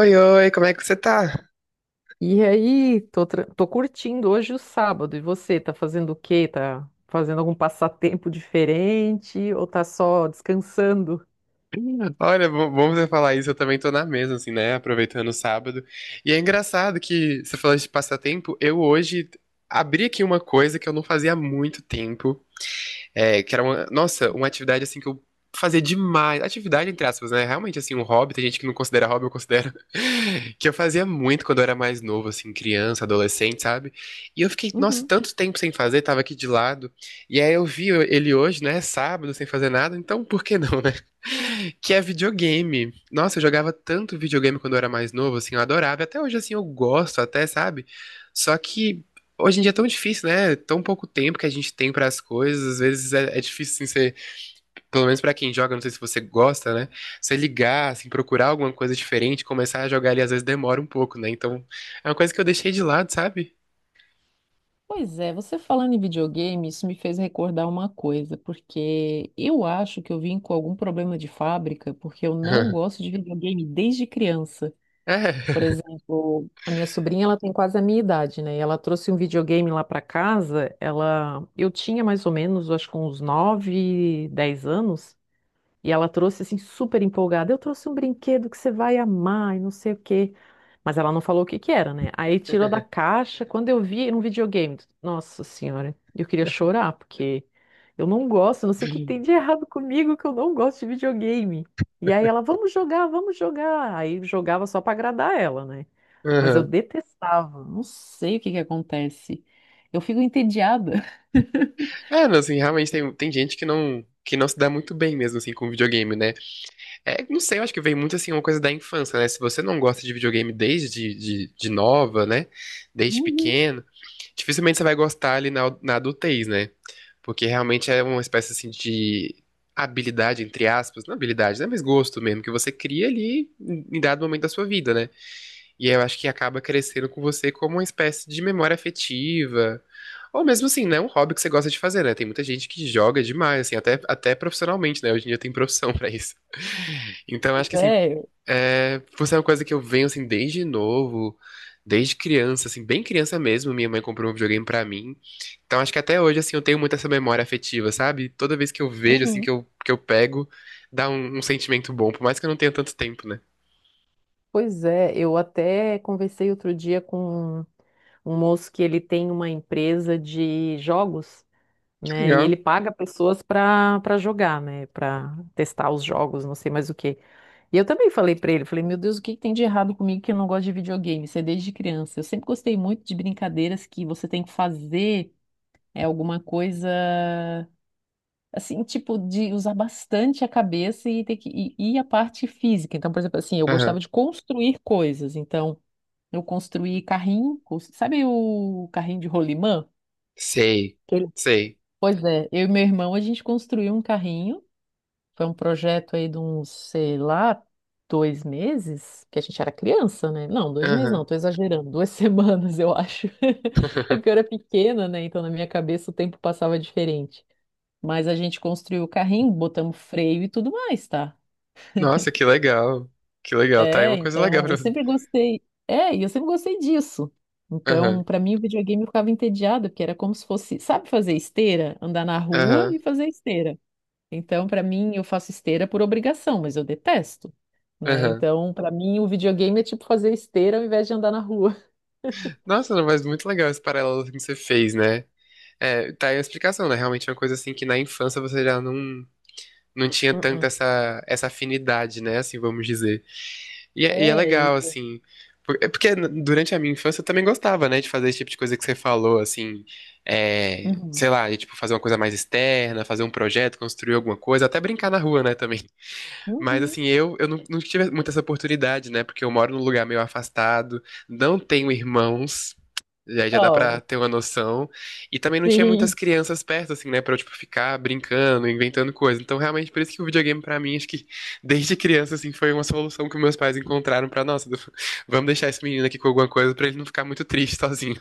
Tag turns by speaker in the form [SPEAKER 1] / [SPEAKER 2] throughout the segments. [SPEAKER 1] Oi, oi, como é que você tá?
[SPEAKER 2] E aí, tô, tô curtindo hoje o sábado. E você, tá fazendo o quê? Tá fazendo algum passatempo diferente ou tá só descansando?
[SPEAKER 1] Olha, bom você falar isso, eu também tô na mesma, assim, né? Aproveitando o sábado. E é engraçado que você falou de passatempo, eu hoje abri aqui uma coisa que eu não fazia há muito tempo, é, que era uma, nossa, uma atividade assim que eu fazia demais. Atividade, entre aspas, né? Realmente, assim, um hobby. Tem gente que não considera hobby, eu considero. Que eu fazia muito quando eu era mais novo, assim, criança, adolescente, sabe? E eu fiquei, nossa,
[SPEAKER 2] Uhum.
[SPEAKER 1] tanto tempo sem fazer, tava aqui de lado. E aí eu vi ele hoje, né? Sábado, sem fazer nada. Então, por que não, né? Que é videogame. Nossa, eu jogava tanto videogame quando eu era mais novo, assim, eu adorava. Até hoje, assim, eu gosto, até, sabe? Só que hoje em dia é tão difícil, né? É tão pouco tempo que a gente tem para as coisas. Às vezes é difícil, assim, você, pelo menos para quem joga, não sei se você gosta, né? Você ligar, assim, procurar alguma coisa diferente, começar a jogar ali, às vezes demora um pouco, né? Então, é uma coisa que eu deixei de lado, sabe?
[SPEAKER 2] Pois é, você falando em videogame, isso me fez recordar uma coisa, porque eu acho que eu vim com algum problema de fábrica, porque eu não gosto de videogame desde criança.
[SPEAKER 1] É.
[SPEAKER 2] Por exemplo, a minha sobrinha, ela tem quase a minha idade, né? E ela trouxe um videogame lá pra casa, ela eu tinha mais ou menos, acho que uns 9, 10 anos. E ela trouxe assim super empolgada. Eu trouxe um brinquedo que você vai amar e não sei o quê. Mas ela não falou o que que era, né? Aí tirou da caixa. Quando eu vi, era um videogame. Nossa senhora, eu queria chorar porque eu não gosto, não sei o que tem de errado comigo que eu não gosto de videogame. E aí ela, vamos jogar, vamos jogar. Aí jogava só pra agradar ela, né? Mas eu
[SPEAKER 1] Aham.
[SPEAKER 2] detestava. Não sei o que que acontece. Eu fico entediada.
[SPEAKER 1] É, não, assim, realmente tem gente que não se dá muito bem mesmo, assim, com videogame, né? É, não sei, eu acho que vem muito, assim, uma coisa da infância, né? Se você não gosta de videogame desde de nova, né? Desde
[SPEAKER 2] Uhum.
[SPEAKER 1] pequeno, dificilmente você vai gostar ali na, na adultez, né? Porque realmente é uma espécie assim de habilidade, entre aspas, não habilidade, né? Mas gosto mesmo, que você cria ali em dado momento da sua vida, né? E eu acho que acaba crescendo com você como uma espécie de memória afetiva. Ou mesmo assim, né? Um hobby que você gosta de fazer, né? Tem muita gente que joga demais, assim, até, até profissionalmente, né? Hoje em dia tem profissão pra isso. Então, acho
[SPEAKER 2] Pois
[SPEAKER 1] que assim,
[SPEAKER 2] é.
[SPEAKER 1] é, por ser uma coisa que eu venho assim desde novo, desde criança, assim, bem criança mesmo, minha mãe comprou um videogame pra mim. Então acho que até hoje assim eu tenho muito essa memória afetiva, sabe? Toda vez que eu vejo assim
[SPEAKER 2] Uhum.
[SPEAKER 1] que eu pego, dá um, um sentimento bom, por mais que eu não tenha tanto tempo, né?
[SPEAKER 2] Pois é, eu até conversei outro dia com um moço que ele tem uma empresa de jogos,
[SPEAKER 1] Que
[SPEAKER 2] né? E ele
[SPEAKER 1] legal.
[SPEAKER 2] paga pessoas para jogar, né? Para testar os jogos, não sei mais o quê. E eu também falei para ele, falei, meu Deus, o que que tem de errado comigo que eu não gosto de videogame? Isso é desde criança. Eu sempre gostei muito de brincadeiras que você tem que fazer é alguma coisa assim, tipo, de usar bastante a cabeça e ter que e a parte física. Então, por exemplo, assim, eu gostava
[SPEAKER 1] Aham.
[SPEAKER 2] de construir coisas. Então, eu construí carrinho, sabe o carrinho de rolimã?
[SPEAKER 1] Sei.
[SPEAKER 2] Aquele-
[SPEAKER 1] Sei.
[SPEAKER 2] Pois é, eu e meu irmão, a gente construiu um carrinho. Foi um projeto aí de uns, sei lá, dois meses, que a gente era criança, né? Não, dois meses
[SPEAKER 1] Aham.
[SPEAKER 2] não, tô exagerando, duas semanas, eu acho. É porque eu era pequena, né? Então na minha cabeça o tempo passava diferente. Mas a gente construiu o carrinho, botamos freio e tudo mais, tá?
[SPEAKER 1] Nossa, que legal. Que legal. Tá aí
[SPEAKER 2] É,
[SPEAKER 1] uma coisa legal
[SPEAKER 2] então eu
[SPEAKER 1] pra fazer.
[SPEAKER 2] sempre gostei. É, e eu sempre gostei disso. Então,
[SPEAKER 1] Aham.
[SPEAKER 2] pra mim, o videogame eu ficava entediada, porque era como se fosse, sabe fazer esteira? Andar na rua
[SPEAKER 1] Aham.
[SPEAKER 2] e fazer esteira. Então, pra mim, eu faço esteira por obrigação, mas eu detesto, né?
[SPEAKER 1] Aham.
[SPEAKER 2] Então, pra mim, o videogame é tipo fazer esteira ao invés de andar na rua.
[SPEAKER 1] Nossa, não, mas muito legal esse paralelo assim, que você fez, né? É, tá aí a explicação, né? Realmente é uma coisa assim que na infância você já não, não tinha
[SPEAKER 2] uh
[SPEAKER 1] tanta essa, essa afinidade, né? Assim, vamos dizer. E é
[SPEAKER 2] É,
[SPEAKER 1] legal,
[SPEAKER 2] e...
[SPEAKER 1] assim. Porque durante a minha infância eu também gostava, né, de fazer esse tipo de coisa que você falou, assim, é,
[SPEAKER 2] Uhum.
[SPEAKER 1] sei lá, de, tipo, fazer uma coisa mais externa, fazer um projeto, construir alguma coisa, até brincar na rua, né, também. Mas
[SPEAKER 2] Uhum.
[SPEAKER 1] assim, eu não, não tive muita essa oportunidade, né? Porque eu moro num lugar meio afastado, não tenho irmãos, já dá pra
[SPEAKER 2] Oh,
[SPEAKER 1] ter uma noção. E também não tinha muitas
[SPEAKER 2] sim.
[SPEAKER 1] crianças perto, assim, né? Pra eu, tipo, ficar brincando, inventando coisa. Então, realmente, por isso que o videogame, pra mim, acho que desde criança, assim, foi uma solução que meus pais encontraram pra, nossa, vamos deixar esse menino aqui com alguma coisa pra ele não ficar muito triste sozinho.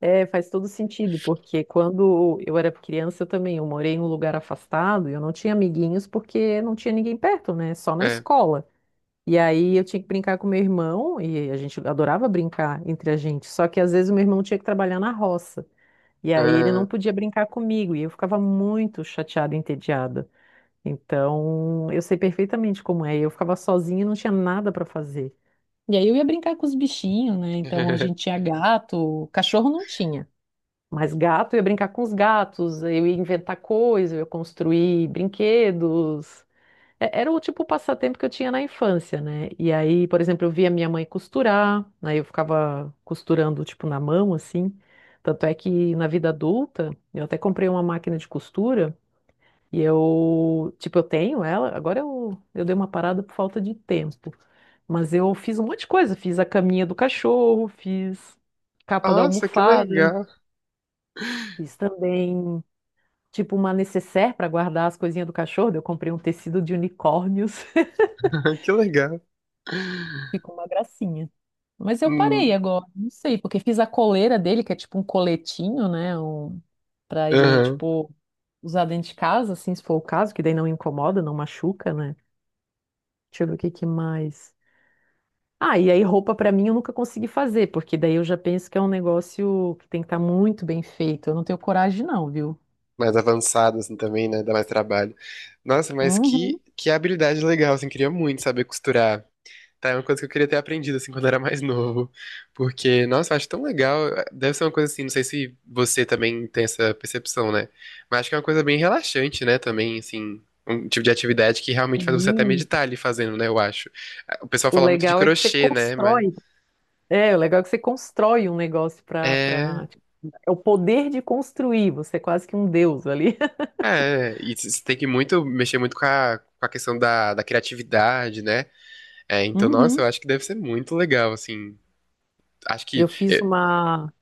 [SPEAKER 2] É, faz todo sentido, porque quando eu era criança eu também, eu morei em um lugar afastado, e eu não tinha amiguinhos porque não tinha ninguém perto, né? Só na
[SPEAKER 1] É.
[SPEAKER 2] escola. E aí eu tinha que brincar com meu irmão, e a gente adorava brincar entre a gente, só que às vezes o meu irmão tinha que trabalhar na roça, e aí ele
[SPEAKER 1] Ah.
[SPEAKER 2] não podia brincar comigo, e eu ficava muito chateada e entediada. Então, eu sei perfeitamente como é, eu ficava sozinha e não tinha nada para fazer. E aí eu ia brincar com os bichinhos, né? Então a gente tinha gato, cachorro não tinha. Mas gato, eu ia brincar com os gatos, eu ia inventar coisas, eu ia construir brinquedos. Era o tipo de passatempo que eu tinha na infância, né? E aí, por exemplo, eu via minha mãe costurar, aí eu ficava costurando, tipo, na mão, assim. Tanto é que na vida adulta, eu até comprei uma máquina de costura e eu, tipo, eu tenho ela, agora eu dei uma parada por falta de tempo. Mas eu fiz um monte de coisa, fiz a caminha do cachorro, fiz capa da
[SPEAKER 1] Nossa, que
[SPEAKER 2] almofada,
[SPEAKER 1] legal,
[SPEAKER 2] fiz também tipo uma necessaire para guardar as coisinhas do cachorro. Eu comprei um tecido de unicórnios.
[SPEAKER 1] que legal.
[SPEAKER 2] Ficou uma gracinha. Mas eu parei
[SPEAKER 1] Hum.
[SPEAKER 2] agora, não sei, porque fiz a coleira dele, que é tipo um coletinho, né? Um... Pra ele,
[SPEAKER 1] Aham.
[SPEAKER 2] tipo, usar dentro de casa, assim, se for o caso, que daí não incomoda, não machuca, né? Deixa eu ver o que que mais. Ah, e aí roupa pra mim eu nunca consegui fazer, porque daí eu já penso que é um negócio que tem que estar muito bem feito. Eu não tenho coragem, não, viu?
[SPEAKER 1] Mais avançado, assim, também, né? Dá mais trabalho. Nossa, mas
[SPEAKER 2] Uhum.
[SPEAKER 1] que habilidade legal, assim, queria muito saber costurar. Tá, é uma coisa que eu queria ter aprendido, assim, quando era mais novo. Porque, nossa, eu acho tão legal. Deve ser uma coisa assim, não sei se você também tem essa percepção, né? Mas acho que é uma coisa bem relaxante, né? Também, assim, um tipo de atividade que realmente faz você até
[SPEAKER 2] Sim.
[SPEAKER 1] meditar ali fazendo, né? Eu acho. O pessoal
[SPEAKER 2] O
[SPEAKER 1] fala muito de
[SPEAKER 2] legal é que você
[SPEAKER 1] crochê, né? Mas.
[SPEAKER 2] constrói. É, o legal é que você constrói um negócio para
[SPEAKER 1] É,
[SPEAKER 2] para é o poder de construir, você é quase que um deus ali.
[SPEAKER 1] e você tem que muito mexer muito com a questão da, da criatividade, né? É, então, nossa,
[SPEAKER 2] Uhum.
[SPEAKER 1] eu acho que deve ser muito legal, assim. Acho que.
[SPEAKER 2] Eu fiz
[SPEAKER 1] eu-
[SPEAKER 2] uma,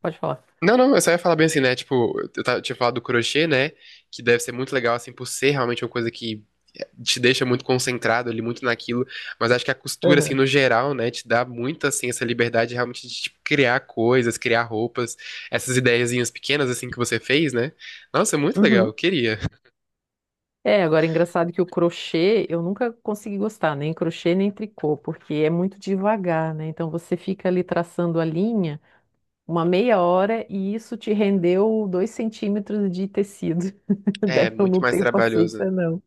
[SPEAKER 2] pode falar.
[SPEAKER 1] Não, não, eu só ia falar bem assim, né? Tipo, tinha falado do crochê, né? Que deve ser muito legal, assim, por ser realmente uma coisa que te deixa muito concentrado ali, muito naquilo. Mas acho que a costura, assim,
[SPEAKER 2] Aham.
[SPEAKER 1] no geral, né? Te dá muito, assim, essa liberdade realmente de, tipo, criar coisas, criar roupas, essas ideiazinhas pequenas, assim, que você fez, né? Nossa, muito legal, eu
[SPEAKER 2] Uhum.
[SPEAKER 1] queria.
[SPEAKER 2] É, agora é engraçado que o crochê eu nunca consegui gostar, nem crochê nem tricô, porque é muito devagar, né? Então você fica ali traçando a linha uma meia hora e isso te rendeu dois centímetros de tecido.
[SPEAKER 1] É,
[SPEAKER 2] Daí eu
[SPEAKER 1] muito
[SPEAKER 2] não
[SPEAKER 1] mais
[SPEAKER 2] tenho
[SPEAKER 1] trabalhoso.
[SPEAKER 2] paciência, não.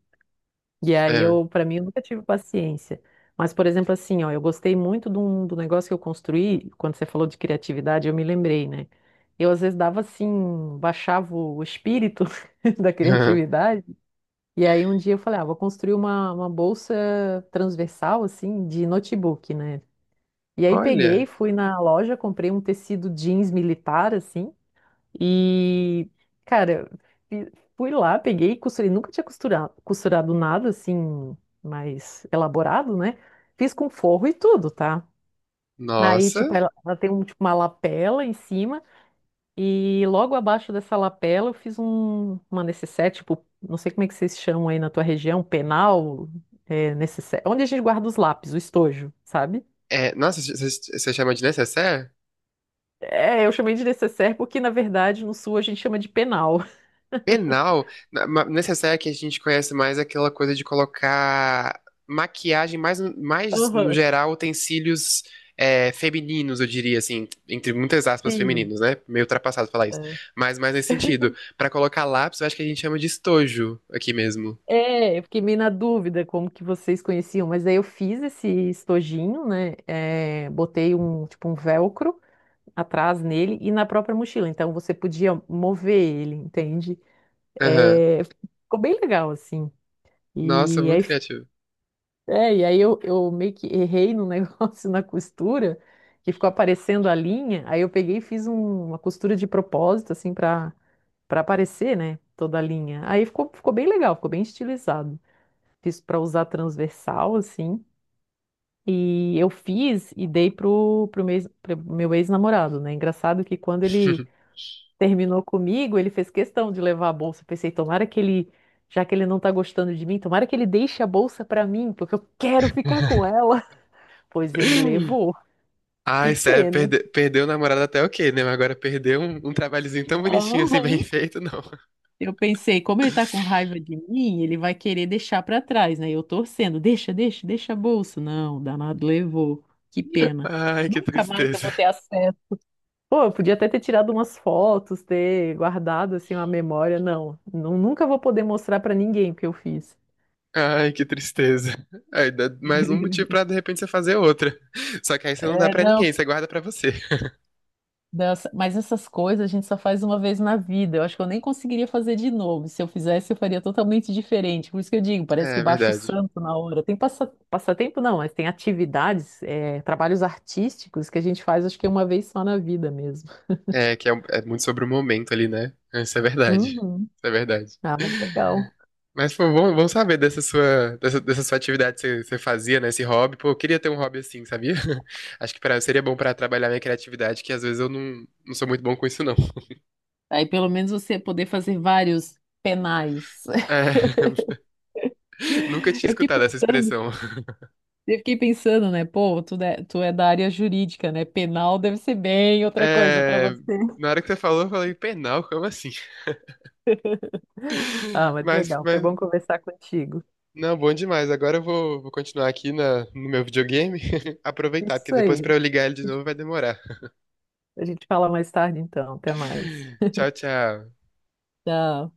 [SPEAKER 2] E aí
[SPEAKER 1] É.
[SPEAKER 2] eu, para mim, eu nunca tive paciência. Mas, por exemplo, assim, ó, eu gostei muito de do negócio que eu construí, quando você falou de criatividade, eu me lembrei, né? Eu às vezes dava assim, baixava o espírito da criatividade. E aí um dia eu falei, ah, vou construir uma bolsa transversal, assim, de notebook, né? E aí peguei,
[SPEAKER 1] Olha,
[SPEAKER 2] fui na loja, comprei um tecido jeans militar, assim, e, cara, fi- fui lá, peguei, costurei. Nunca tinha costurado, costurado nada assim, mais elaborado, né? Fiz com forro e tudo, tá? Aí, tipo,
[SPEAKER 1] nossa.
[SPEAKER 2] ela tem um, tipo, uma lapela em cima, e logo abaixo dessa lapela eu fiz um, uma necessaire, tipo, não sei como é que vocês chamam aí na tua região, um penal, é, necessaire, onde a gente guarda os lápis, o estojo, sabe?
[SPEAKER 1] É, nossa, você chama de necessaire?
[SPEAKER 2] É, eu chamei de necessaire porque, na verdade, no sul a gente chama de penal.
[SPEAKER 1] Penal, nessa que a gente conhece mais aquela coisa de colocar maquiagem mais, mais no
[SPEAKER 2] Aham.
[SPEAKER 1] geral, utensílios é, femininos, eu diria assim, entre muitas aspas
[SPEAKER 2] Sim.
[SPEAKER 1] femininos, né? Meio ultrapassado falar isso. Mas mais nesse sentido. Pra colocar lápis, eu acho que a gente chama de estojo aqui mesmo.
[SPEAKER 2] É, eu fiquei meio na dúvida como que vocês conheciam, mas aí eu fiz esse estojinho, né? É, botei um tipo um velcro atrás nele e na própria mochila, então você podia mover ele, entende?
[SPEAKER 1] Aham.
[SPEAKER 2] É, ficou bem legal assim.
[SPEAKER 1] Nossa,
[SPEAKER 2] E
[SPEAKER 1] muito
[SPEAKER 2] aí,
[SPEAKER 1] criativo.
[SPEAKER 2] é, e aí eu meio que errei no negócio na costura, que ficou aparecendo a linha. Aí eu peguei e fiz uma costura de propósito assim para aparecer, né? Toda a linha. Aí ficou bem legal, ficou bem estilizado fiz para usar transversal, assim. E eu fiz e dei pro, pro meu, ex- pro meu ex-namorado, né? Engraçado que quando ele terminou comigo, ele fez questão de levar a bolsa. Eu pensei, tomara que ele, já que ele não tá gostando de mim, tomara que ele deixe a bolsa pra mim, porque eu quero ficar com ela. Pois ele levou. Que
[SPEAKER 1] Ai, sério,
[SPEAKER 2] pena.
[SPEAKER 1] perdeu o namorado até o quê, né? Mas agora perdeu um, um trabalhozinho tão bonitinho assim, bem
[SPEAKER 2] Aham.
[SPEAKER 1] feito, não.
[SPEAKER 2] Eu pensei, como ele tá com raiva de mim, ele vai querer deixar pra trás, né? Eu torcendo, deixa, deixa, deixa a bolsa. Não, danado levou. Que pena.
[SPEAKER 1] Ai, que
[SPEAKER 2] Nunca mais eu
[SPEAKER 1] tristeza.
[SPEAKER 2] vou ter acesso. Pô, eu podia até ter tirado umas fotos, ter guardado assim uma memória. Não, nunca vou poder mostrar pra ninguém o que eu fiz.
[SPEAKER 1] Ai, que tristeza. Aí dá mais um motivo pra de repente você fazer outra. Só que aí você não dá
[SPEAKER 2] É,
[SPEAKER 1] pra
[SPEAKER 2] não.
[SPEAKER 1] ninguém, você guarda pra você.
[SPEAKER 2] Nossa, mas essas coisas a gente só faz uma vez na vida. Eu acho que eu nem conseguiria fazer de novo. Se eu fizesse, eu faria totalmente diferente. Por isso que eu digo, parece
[SPEAKER 1] É,
[SPEAKER 2] que
[SPEAKER 1] é
[SPEAKER 2] baixa o
[SPEAKER 1] verdade.
[SPEAKER 2] santo na hora. Tem passa, passatempo, não, mas tem atividades, é, trabalhos artísticos que a gente faz, acho que uma vez só na vida mesmo.
[SPEAKER 1] É que é, é muito sobre o momento ali, né? Isso é verdade.
[SPEAKER 2] Uhum.
[SPEAKER 1] Isso é verdade.
[SPEAKER 2] Ah, mas legal.
[SPEAKER 1] Mas, pô, bom, bom saber dessa sua, dessa, dessa sua atividade que você, você fazia, né? Esse hobby. Pô, eu queria ter um hobby assim, sabia? Acho que pra, seria bom pra trabalhar minha criatividade, que às vezes eu não, não sou muito bom com isso, não.
[SPEAKER 2] Aí pelo menos você poder fazer vários penais.
[SPEAKER 1] É, nunca tinha
[SPEAKER 2] Eu fiquei
[SPEAKER 1] escutado essa
[SPEAKER 2] pensando,
[SPEAKER 1] expressão.
[SPEAKER 2] eu fiquei pensando, né? Pô, tu, tu é da área jurídica, né? Penal deve ser bem outra coisa para você.
[SPEAKER 1] É, na hora que você falou, eu falei, penal, como assim?
[SPEAKER 2] Ah, mas
[SPEAKER 1] Mas,
[SPEAKER 2] legal. Foi
[SPEAKER 1] mas
[SPEAKER 2] bom conversar contigo.
[SPEAKER 1] não, bom demais. Agora eu vou, vou continuar aqui na, no meu videogame. Aproveitar, porque
[SPEAKER 2] Isso
[SPEAKER 1] depois
[SPEAKER 2] aí.
[SPEAKER 1] pra eu ligar ele de novo vai demorar.
[SPEAKER 2] A gente fala mais tarde, então. Até mais.
[SPEAKER 1] Tchau, tchau.
[SPEAKER 2] Tchau.